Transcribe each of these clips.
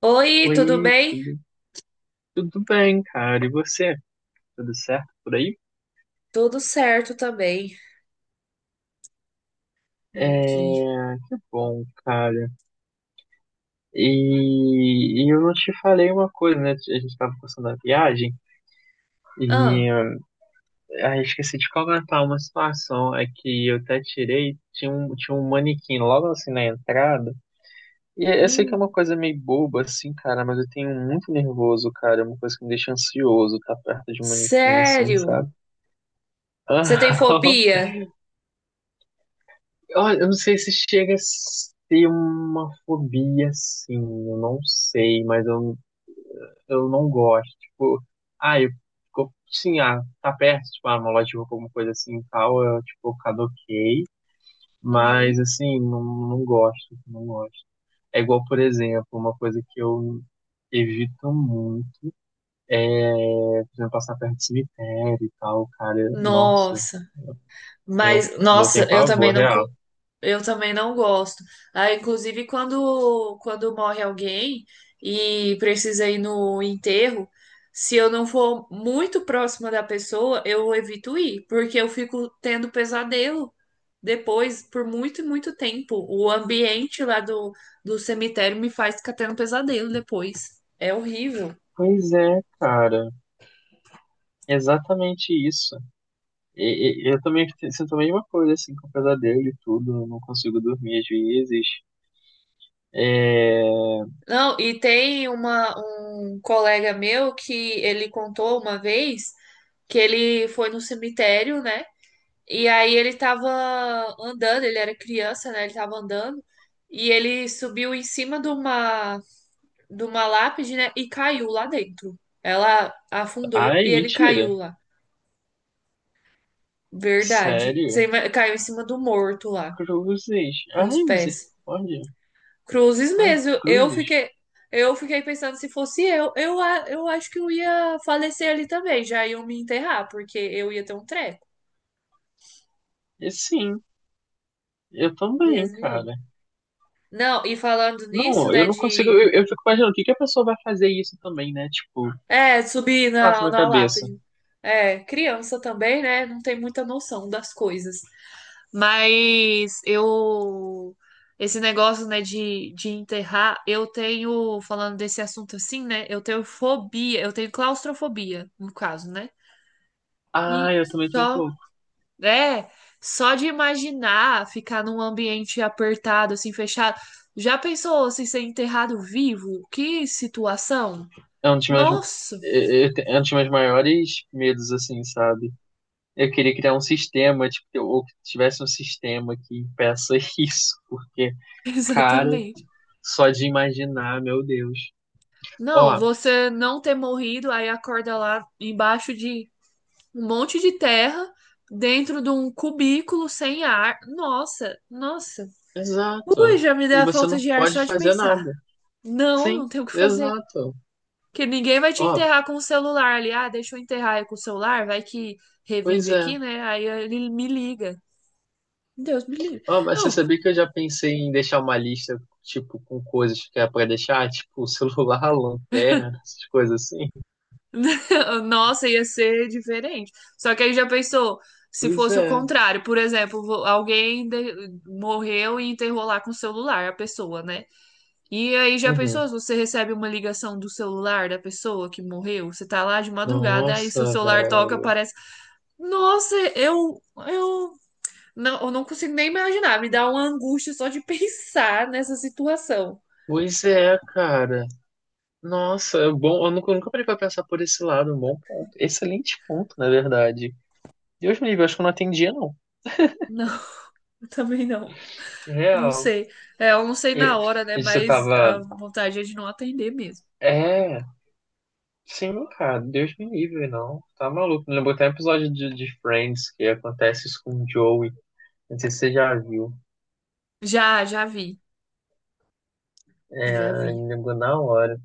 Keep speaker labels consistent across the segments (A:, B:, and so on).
A: Oi, tudo
B: Oi,
A: bem?
B: tudo bem, cara? E você? Tudo certo por aí?
A: Tudo certo também por aqui.
B: É, que bom, cara. E eu não te falei uma coisa, né? A gente tava passando a viagem
A: Ah,
B: e esqueci de comentar uma situação. É que eu até tirei, tinha um manequim logo assim na entrada. E eu sei que é uma
A: hum,
B: coisa meio boba, assim, cara, mas eu tenho muito nervoso, cara. É uma coisa que me deixa ansioso estar perto de um manequim, assim,
A: Sério?
B: sabe?
A: Você tem fobia?
B: Olha, eu não sei se chega a ser uma fobia, assim, eu não sei, mas eu não gosto. Tipo, eu fico, sim, ah, tá perto, tipo, ah, uma loja de roupa, alguma coisa assim e tal, eu, tipo, caduquei, mas,
A: Uhum.
B: assim, não gosto, não gosto. É igual, por exemplo, uma coisa que eu evito muito é, por exemplo, passar perto de cemitério e tal, cara, nossa,
A: Nossa,
B: tenho,
A: mas
B: não
A: nossa,
B: tenho
A: eu também
B: pavor
A: não,
B: real.
A: cu- eu também não gosto. Ah, inclusive quando morre alguém e precisa ir no enterro, se eu não for muito próxima da pessoa, eu evito ir, porque eu fico tendo pesadelo. Depois, por muito e muito tempo, o ambiente do cemitério me faz ficar tendo pesadelo depois. É horrível.
B: Pois é, cara. Exatamente isso. Eu também te- sinto a mesma coisa, assim, com pesadelo e tudo, eu não consigo dormir às vezes. É...
A: Não, E tem um colega meu que ele contou uma vez que ele foi no cemitério, né? E aí ele tava andando, ele era criança, né? Ele tava andando e ele subiu em cima de uma lápide, né? E caiu lá dentro. Ela afundou e
B: Ai,
A: ele
B: mentira.
A: caiu lá. Verdade.
B: Sério?
A: Caiu em cima do morto lá,
B: Cruzes.
A: com os
B: Ai,
A: pés.
B: misericórdia.
A: Cruzes
B: Ai,
A: mesmo.
B: cruzes.
A: Eu fiquei pensando se fosse eu, eu acho que eu ia falecer ali também. Já iam me enterrar, porque eu ia ter um treco.
B: E sim, eu também,
A: Deus me livre.
B: cara.
A: Não, e falando nisso,
B: Não, eu
A: né,
B: não consigo.
A: de
B: Eu fico imaginando o que que a pessoa vai fazer isso também, né? Tipo, o que
A: é, subir
B: passa na
A: na
B: cabeça.
A: lápide. É, criança também, né, não tem muita noção das coisas. Mas eu. Esse negócio, né, de enterrar, eu tenho, falando desse assunto assim, né, eu tenho fobia, eu tenho claustrofobia, no caso, né?
B: Ah,
A: E
B: eu também tenho um
A: só.
B: pouco.
A: É, só de imaginar ficar num ambiente apertado, assim, fechado. Já pensou se ser enterrado vivo? Que situação?
B: É um dos meus,
A: Nossa,
B: é um dos meus maiores medos, assim, sabe? Eu queria criar um sistema, tipo, ou que tivesse um sistema que impeça isso, porque, cara,
A: exatamente.
B: só de imaginar, meu Deus.
A: Não,
B: Ó,
A: você não ter morrido, aí acorda lá embaixo de um monte de terra dentro de um cubículo sem ar. Nossa, nossa. Ui,
B: exato.
A: já me deu
B: E
A: a
B: você
A: falta
B: não
A: de ar
B: pode
A: só de
B: fazer
A: pensar.
B: nada.
A: Não,
B: Sim,
A: não tem o que fazer.
B: exato.
A: Que ninguém vai te
B: Ó,
A: enterrar com o celular ali. Ah, deixa eu enterrar aí com o celular, vai que
B: pois
A: revive
B: é.
A: aqui, né? Aí ele me liga. Deus me livre.
B: Ó, mas você
A: Não,
B: sabia que eu já pensei em deixar uma lista, tipo, com coisas que é pra deixar, tipo, celular, lanterna, essas coisas assim?
A: nossa, ia ser diferente. Só que aí já pensou, se
B: Pois
A: fosse o
B: é.
A: contrário, por exemplo, morreu e enterrou lá com o celular a pessoa, né? E aí, já pensou
B: Uhum.
A: se você recebe uma ligação do celular da pessoa que morreu? Você tá lá de madrugada, aí seu
B: Nossa,
A: celular toca,
B: velho.
A: aparece. Nossa, eu não consigo nem imaginar. Me dá uma angústia só de pensar nessa situação.
B: Pois é, cara. Nossa, bom, eu nunca parei pra pensar por esse lado, um bom ponto. Excelente ponto, na verdade. Deus me livre, acho que eu não atendia, não.
A: Não, eu também não. Não
B: Real.
A: sei. É, eu não sei na
B: E,
A: hora, né?
B: e você
A: Mas
B: tava.
A: a vontade é de não atender mesmo.
B: É, sim, cara, Deus me livre, não. Tá maluco. Me lembrou até um episódio de Friends que acontece isso com o Joey. Não sei se você já viu.
A: Já, já vi. Já
B: É,
A: vi.
B: me lembrou na hora.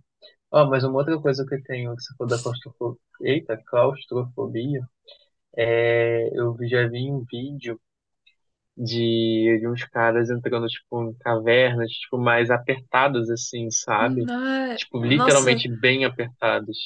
B: Ó, mas uma outra coisa que eu tenho, que você falou da claustrofobia. Eita, claustrofobia. É, eu já vi um vídeo de uns caras entrando, tipo, em cavernas, tipo, mais apertadas, assim, sabe?
A: Não é-
B: Tipo,
A: Nossa,
B: literalmente bem apertadas.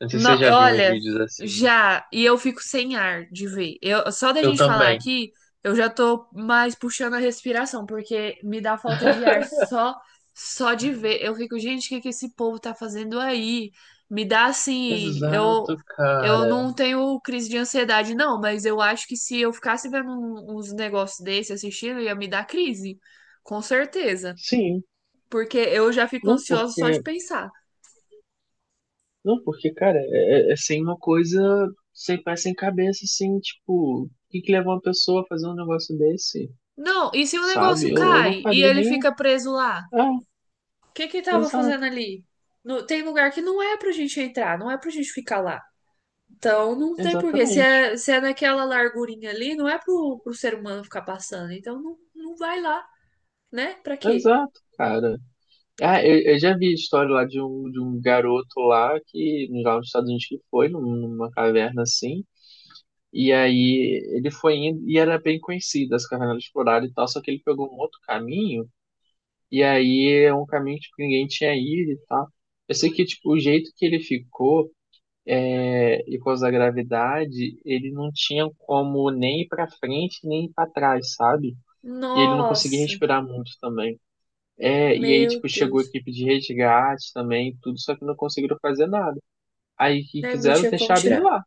B: Não sei se você já viu uns
A: Olha,
B: vídeos assim.
A: já, e eu fico sem ar de ver. Eu, só da
B: Eu
A: gente falar
B: também.
A: aqui, eu já tô mais puxando a respiração, porque me dá falta de ar só de ver. Eu fico, gente, o que que esse povo tá fazendo aí? Me dá assim,
B: Exato,
A: eu
B: cara.
A: não tenho crise de ansiedade, não, mas eu acho que se eu ficasse vendo uns negócios desse, assistindo, ia me dar crise, com certeza.
B: Sim.
A: Porque eu já fico
B: Não
A: ansiosa só de
B: porque,
A: pensar.
B: não porque, cara, é, é sem uma coisa sem pé sem cabeça, assim, tipo, o que que leva uma pessoa a fazer um negócio desse,
A: Não, e se o
B: sabe?
A: negócio
B: Eu não
A: cai e
B: faria
A: ele
B: nem.
A: fica preso lá?
B: Ah,
A: O que que tava
B: exato,
A: fazendo ali? Tem lugar que não é pra gente entrar, não é pra gente ficar lá. Então não tem porquê.
B: exatamente.
A: Se é naquela largurinha ali, não é pro ser humano ficar passando. Então não, não vai lá, né? Pra quê?
B: Exato, cara. Ah, eu já vi a história lá de um garoto lá que, lá nos Estados Unidos que foi, numa caverna assim, e aí ele foi indo, e era bem conhecida essa caverna era explorada e tal, só que ele pegou um outro caminho, e aí é um caminho tipo, que ninguém tinha ido e tal. Eu sei que, tipo, o jeito que ele ficou, é, e por causa da gravidade, ele não tinha como nem ir pra frente, nem ir pra trás, sabe? E ele não conseguia
A: Nossa,
B: respirar muito também. É, e aí,
A: meu
B: tipo, chegou a
A: Deus.
B: equipe de resgate também, tudo, só que não conseguiram fazer nada. Aí, o que
A: Né, não
B: fizeram?
A: tinha como
B: Deixaram ele
A: tirar.
B: lá.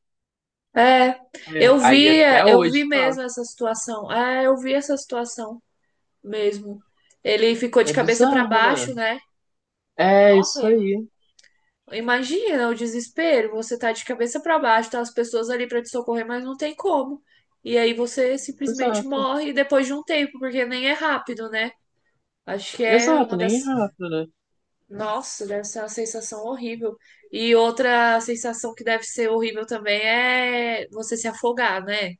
A: É,
B: É, aí,
A: É,
B: até
A: eu
B: hoje,
A: vi
B: tá.
A: mesmo essa situação. É, eu vi essa situação mesmo. Ele ficou
B: É
A: de cabeça pra
B: bizarro, né?
A: baixo, né?
B: É,
A: Nossa,
B: isso aí.
A: imagina o desespero, você tá de cabeça pra baixo, tá as pessoas ali pra te socorrer, mas não tem como. E aí você simplesmente
B: Exato.
A: morre depois de um tempo, porque nem é rápido, né? Acho que é uma
B: Exato, nem é
A: das.
B: rápido, né?
A: Nossa, deve ser uma sensação horrível. E outra sensação que deve ser horrível também é você se afogar, né?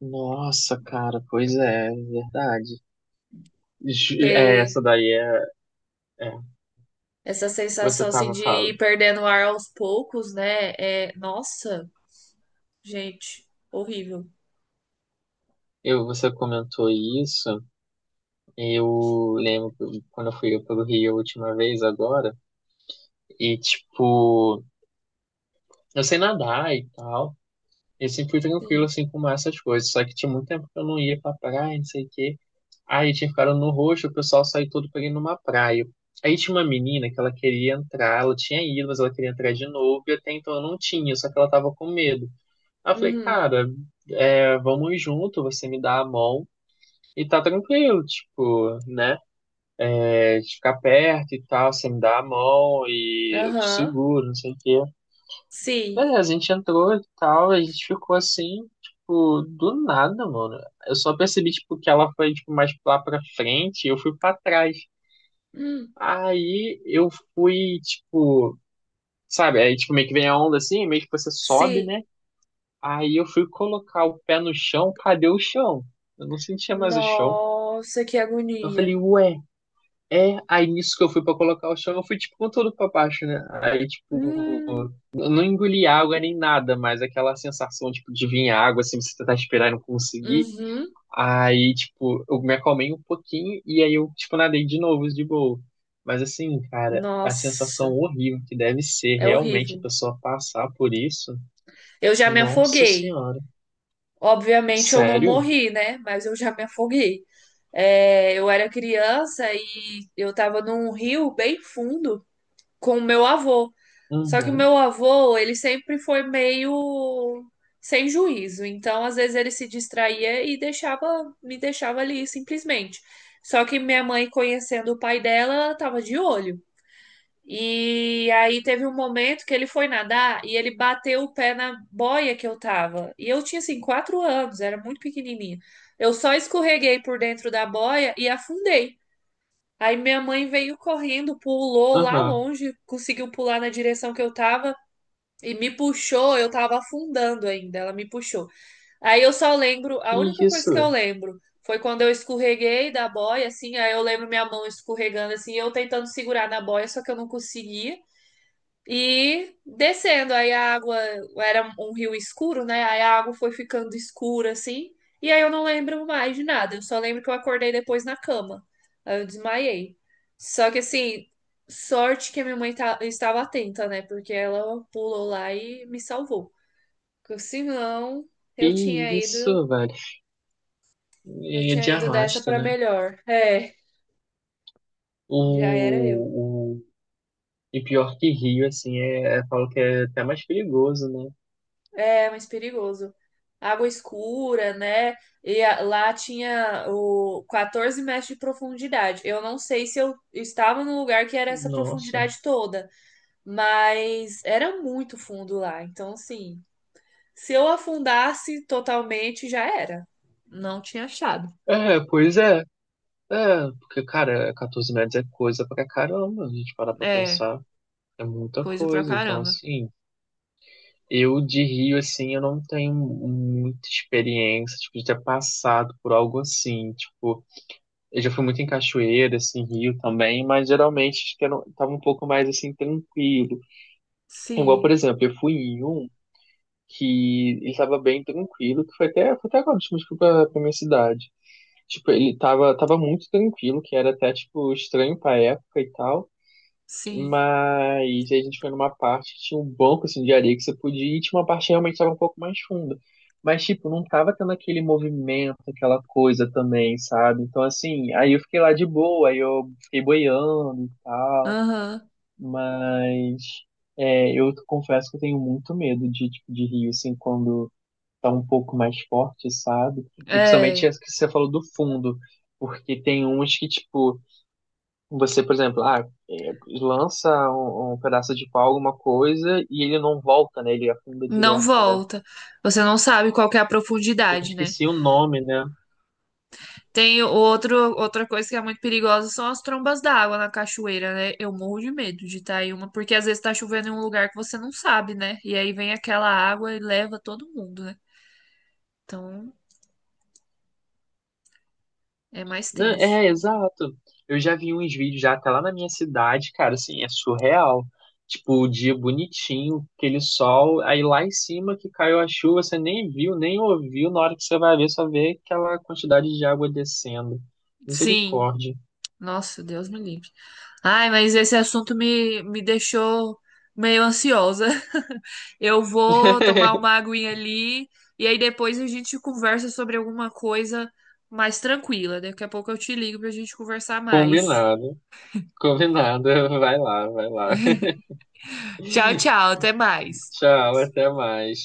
B: Nossa, cara, pois é, é verdade. Ju- É,
A: Porque
B: essa daí é, é.
A: essa sensação
B: Você
A: assim
B: tava
A: de ir
B: falando.
A: perdendo o ar aos poucos, né? Nossa, gente, horrível.
B: Eu, você comentou isso. Eu lembro que quando eu fui pelo Rio a última vez agora. E, tipo, eu sei nadar e tal. E sempre fui tranquilo,
A: Sim.
B: assim, com essas coisas. Só que tinha muito tempo que eu não ia pra praia, não sei o quê. Aí tinha ficado no roxo, o pessoal saiu todo pra ir numa praia. Aí tinha uma menina que ela queria entrar, ela tinha ido, mas ela queria entrar de novo, e até então eu não tinha, só que ela tava com medo. Aí eu falei,
A: Uhum.
B: cara, é, vamos junto, você me dá a mão e tá tranquilo, tipo, né? É, de ficar perto e tal, você me dá a mão e eu te
A: Aham.
B: seguro, não sei o quê.
A: Sim.
B: Beleza, a gente entrou e tal, a gente ficou assim, tipo, do nada, mano. Eu só percebi, tipo, que ela foi, tipo, mais lá pra frente e eu fui pra trás.
A: Hum.
B: Aí eu fui, tipo, sabe, aí, tipo, meio que vem a onda assim, meio que você sobe,
A: Sim.
B: né? Aí eu fui colocar o pé no chão, cadê o chão? Eu não sentia mais o chão.
A: Nossa, que
B: Eu falei,
A: agonia.
B: ué, é? Aí nisso que eu fui pra colocar o chão, eu fui, tipo, com tudo pra baixo, né? Aí, tipo,
A: Hum,
B: eu não engoli água nem nada, mas aquela sensação, tipo, de vir água, assim, você tentar esperar e não conseguir.
A: uhum.
B: Aí, tipo, eu me acalmei um pouquinho e aí eu, tipo, nadei de novo, de boa. Mas assim, cara, a sensação
A: Nossa,
B: horrível que deve ser
A: é
B: realmente a
A: horrível.
B: pessoa passar por isso.
A: Eu já me
B: Nossa
A: afoguei.
B: senhora.
A: Obviamente eu não
B: Sério?
A: morri, né? Mas eu já me afoguei. É, eu era criança e eu tava num rio bem fundo, com o meu avô. Só que o
B: Uhum,
A: meu avô, ele sempre foi meio sem juízo. Então, às vezes ele se distraía e me deixava ali simplesmente. Só que minha mãe, conhecendo o pai dela, ela tava de olho. E aí teve um momento que ele foi nadar e ele bateu o pé na boia que eu tava. E eu tinha assim 4 anos, era muito pequenininha. Eu só escorreguei por dentro da boia e afundei. Aí minha mãe veio correndo, pulou lá
B: aham.
A: longe, conseguiu pular na direção que eu tava e me puxou. Eu tava afundando ainda, ela me puxou. Aí eu só lembro,
B: Que
A: a única coisa que eu
B: isso?
A: lembro foi quando eu escorreguei da boia, assim. Aí eu lembro minha mão escorregando, assim, eu tentando segurar na boia, só que eu não conseguia. E descendo, aí a água era um rio escuro, né? Aí a água foi ficando escura assim. E aí eu não lembro mais de nada. Eu só lembro que eu acordei depois na cama. Aí eu desmaiei. Só que assim, sorte que a minha mãe estava atenta, né? Porque ela pulou lá e me salvou. Porque senão eu tinha
B: Que
A: ido,
B: isso, velho?
A: eu
B: É
A: tinha
B: de
A: ido dessa
B: arrasta,
A: para
B: né?
A: melhor. É, já era eu.
B: O, o... E pior que Rio, assim, falo que é até mais perigoso, né?
A: É, mais perigoso. Água escura, né? Lá tinha o 14 metros de profundidade. Eu não sei se eu estava no lugar que era essa
B: Nossa.
A: profundidade toda, mas era muito fundo lá. Então, assim, se eu afundasse totalmente, já era. Não tinha achado.
B: É, pois é. É, porque, cara, 14 metros é coisa pra caramba, a gente parar pra
A: É,
B: pensar. É muita
A: coisa pra
B: coisa. Então,
A: caramba.
B: assim, eu de Rio, assim, eu não tenho muita experiência, tipo, de ter passado por algo assim. Tipo, eu já fui muito em cachoeira, assim, Rio também, mas geralmente acho que eu não, tava um pouco mais, assim, tranquilo. Igual,
A: Sim,
B: por exemplo, eu fui em um. Que ele tava bem tranquilo, que foi até agora, tipo, tipo pra, pra minha cidade. Tipo, tava muito tranquilo, que era até, tipo, estranho pra época e tal.
A: sim.
B: Mas aí a gente foi numa parte que tinha um banco, assim, de areia que você podia ir, e tinha uma parte que realmente tava um pouco mais funda. Mas, tipo, não tava tendo aquele movimento, aquela coisa também, sabe? Então, assim, aí eu fiquei lá de boa, aí eu fiquei boiando e tal.
A: Aham.
B: Mas é, eu confesso que eu tenho muito medo de, tipo, de rio, assim, quando tá um pouco mais forte, sabe? E principalmente
A: É,
B: as que você falou do fundo, porque tem uns que, tipo, você, por exemplo, ah, é, lança um pedaço de pau, alguma coisa, e ele não volta, né? Ele afunda
A: não
B: direto, né?
A: volta. Você não sabe qual que é a
B: Eu
A: profundidade, né?
B: esqueci o nome, né?
A: Tem outro, outra coisa que é muito perigosa são as trombas d'água na cachoeira, né? Eu morro de medo de estar em uma, porque às vezes tá chovendo em um lugar que você não sabe, né? E aí vem aquela água e leva todo mundo, né? Então é mais
B: Não,
A: tenso.
B: é, exato. Eu já vi uns vídeos já até lá na minha cidade, cara, assim, é surreal. Tipo, o dia bonitinho, aquele sol, aí lá em cima que caiu a chuva, você nem viu, nem ouviu, na hora que você vai ver, só vê aquela quantidade de água descendo.
A: Sim,
B: Misericórdia.
A: nossa, Deus me livre. Ai, mas esse assunto me deixou meio ansiosa. Eu vou tomar uma aguinha ali e aí depois a gente conversa sobre alguma coisa mais tranquila. Daqui a pouco eu te ligo pra gente conversar mais.
B: Combinado, combinado. Vai lá, vai lá.
A: Tchau, tchau. Até mais.
B: Tchau, até mais.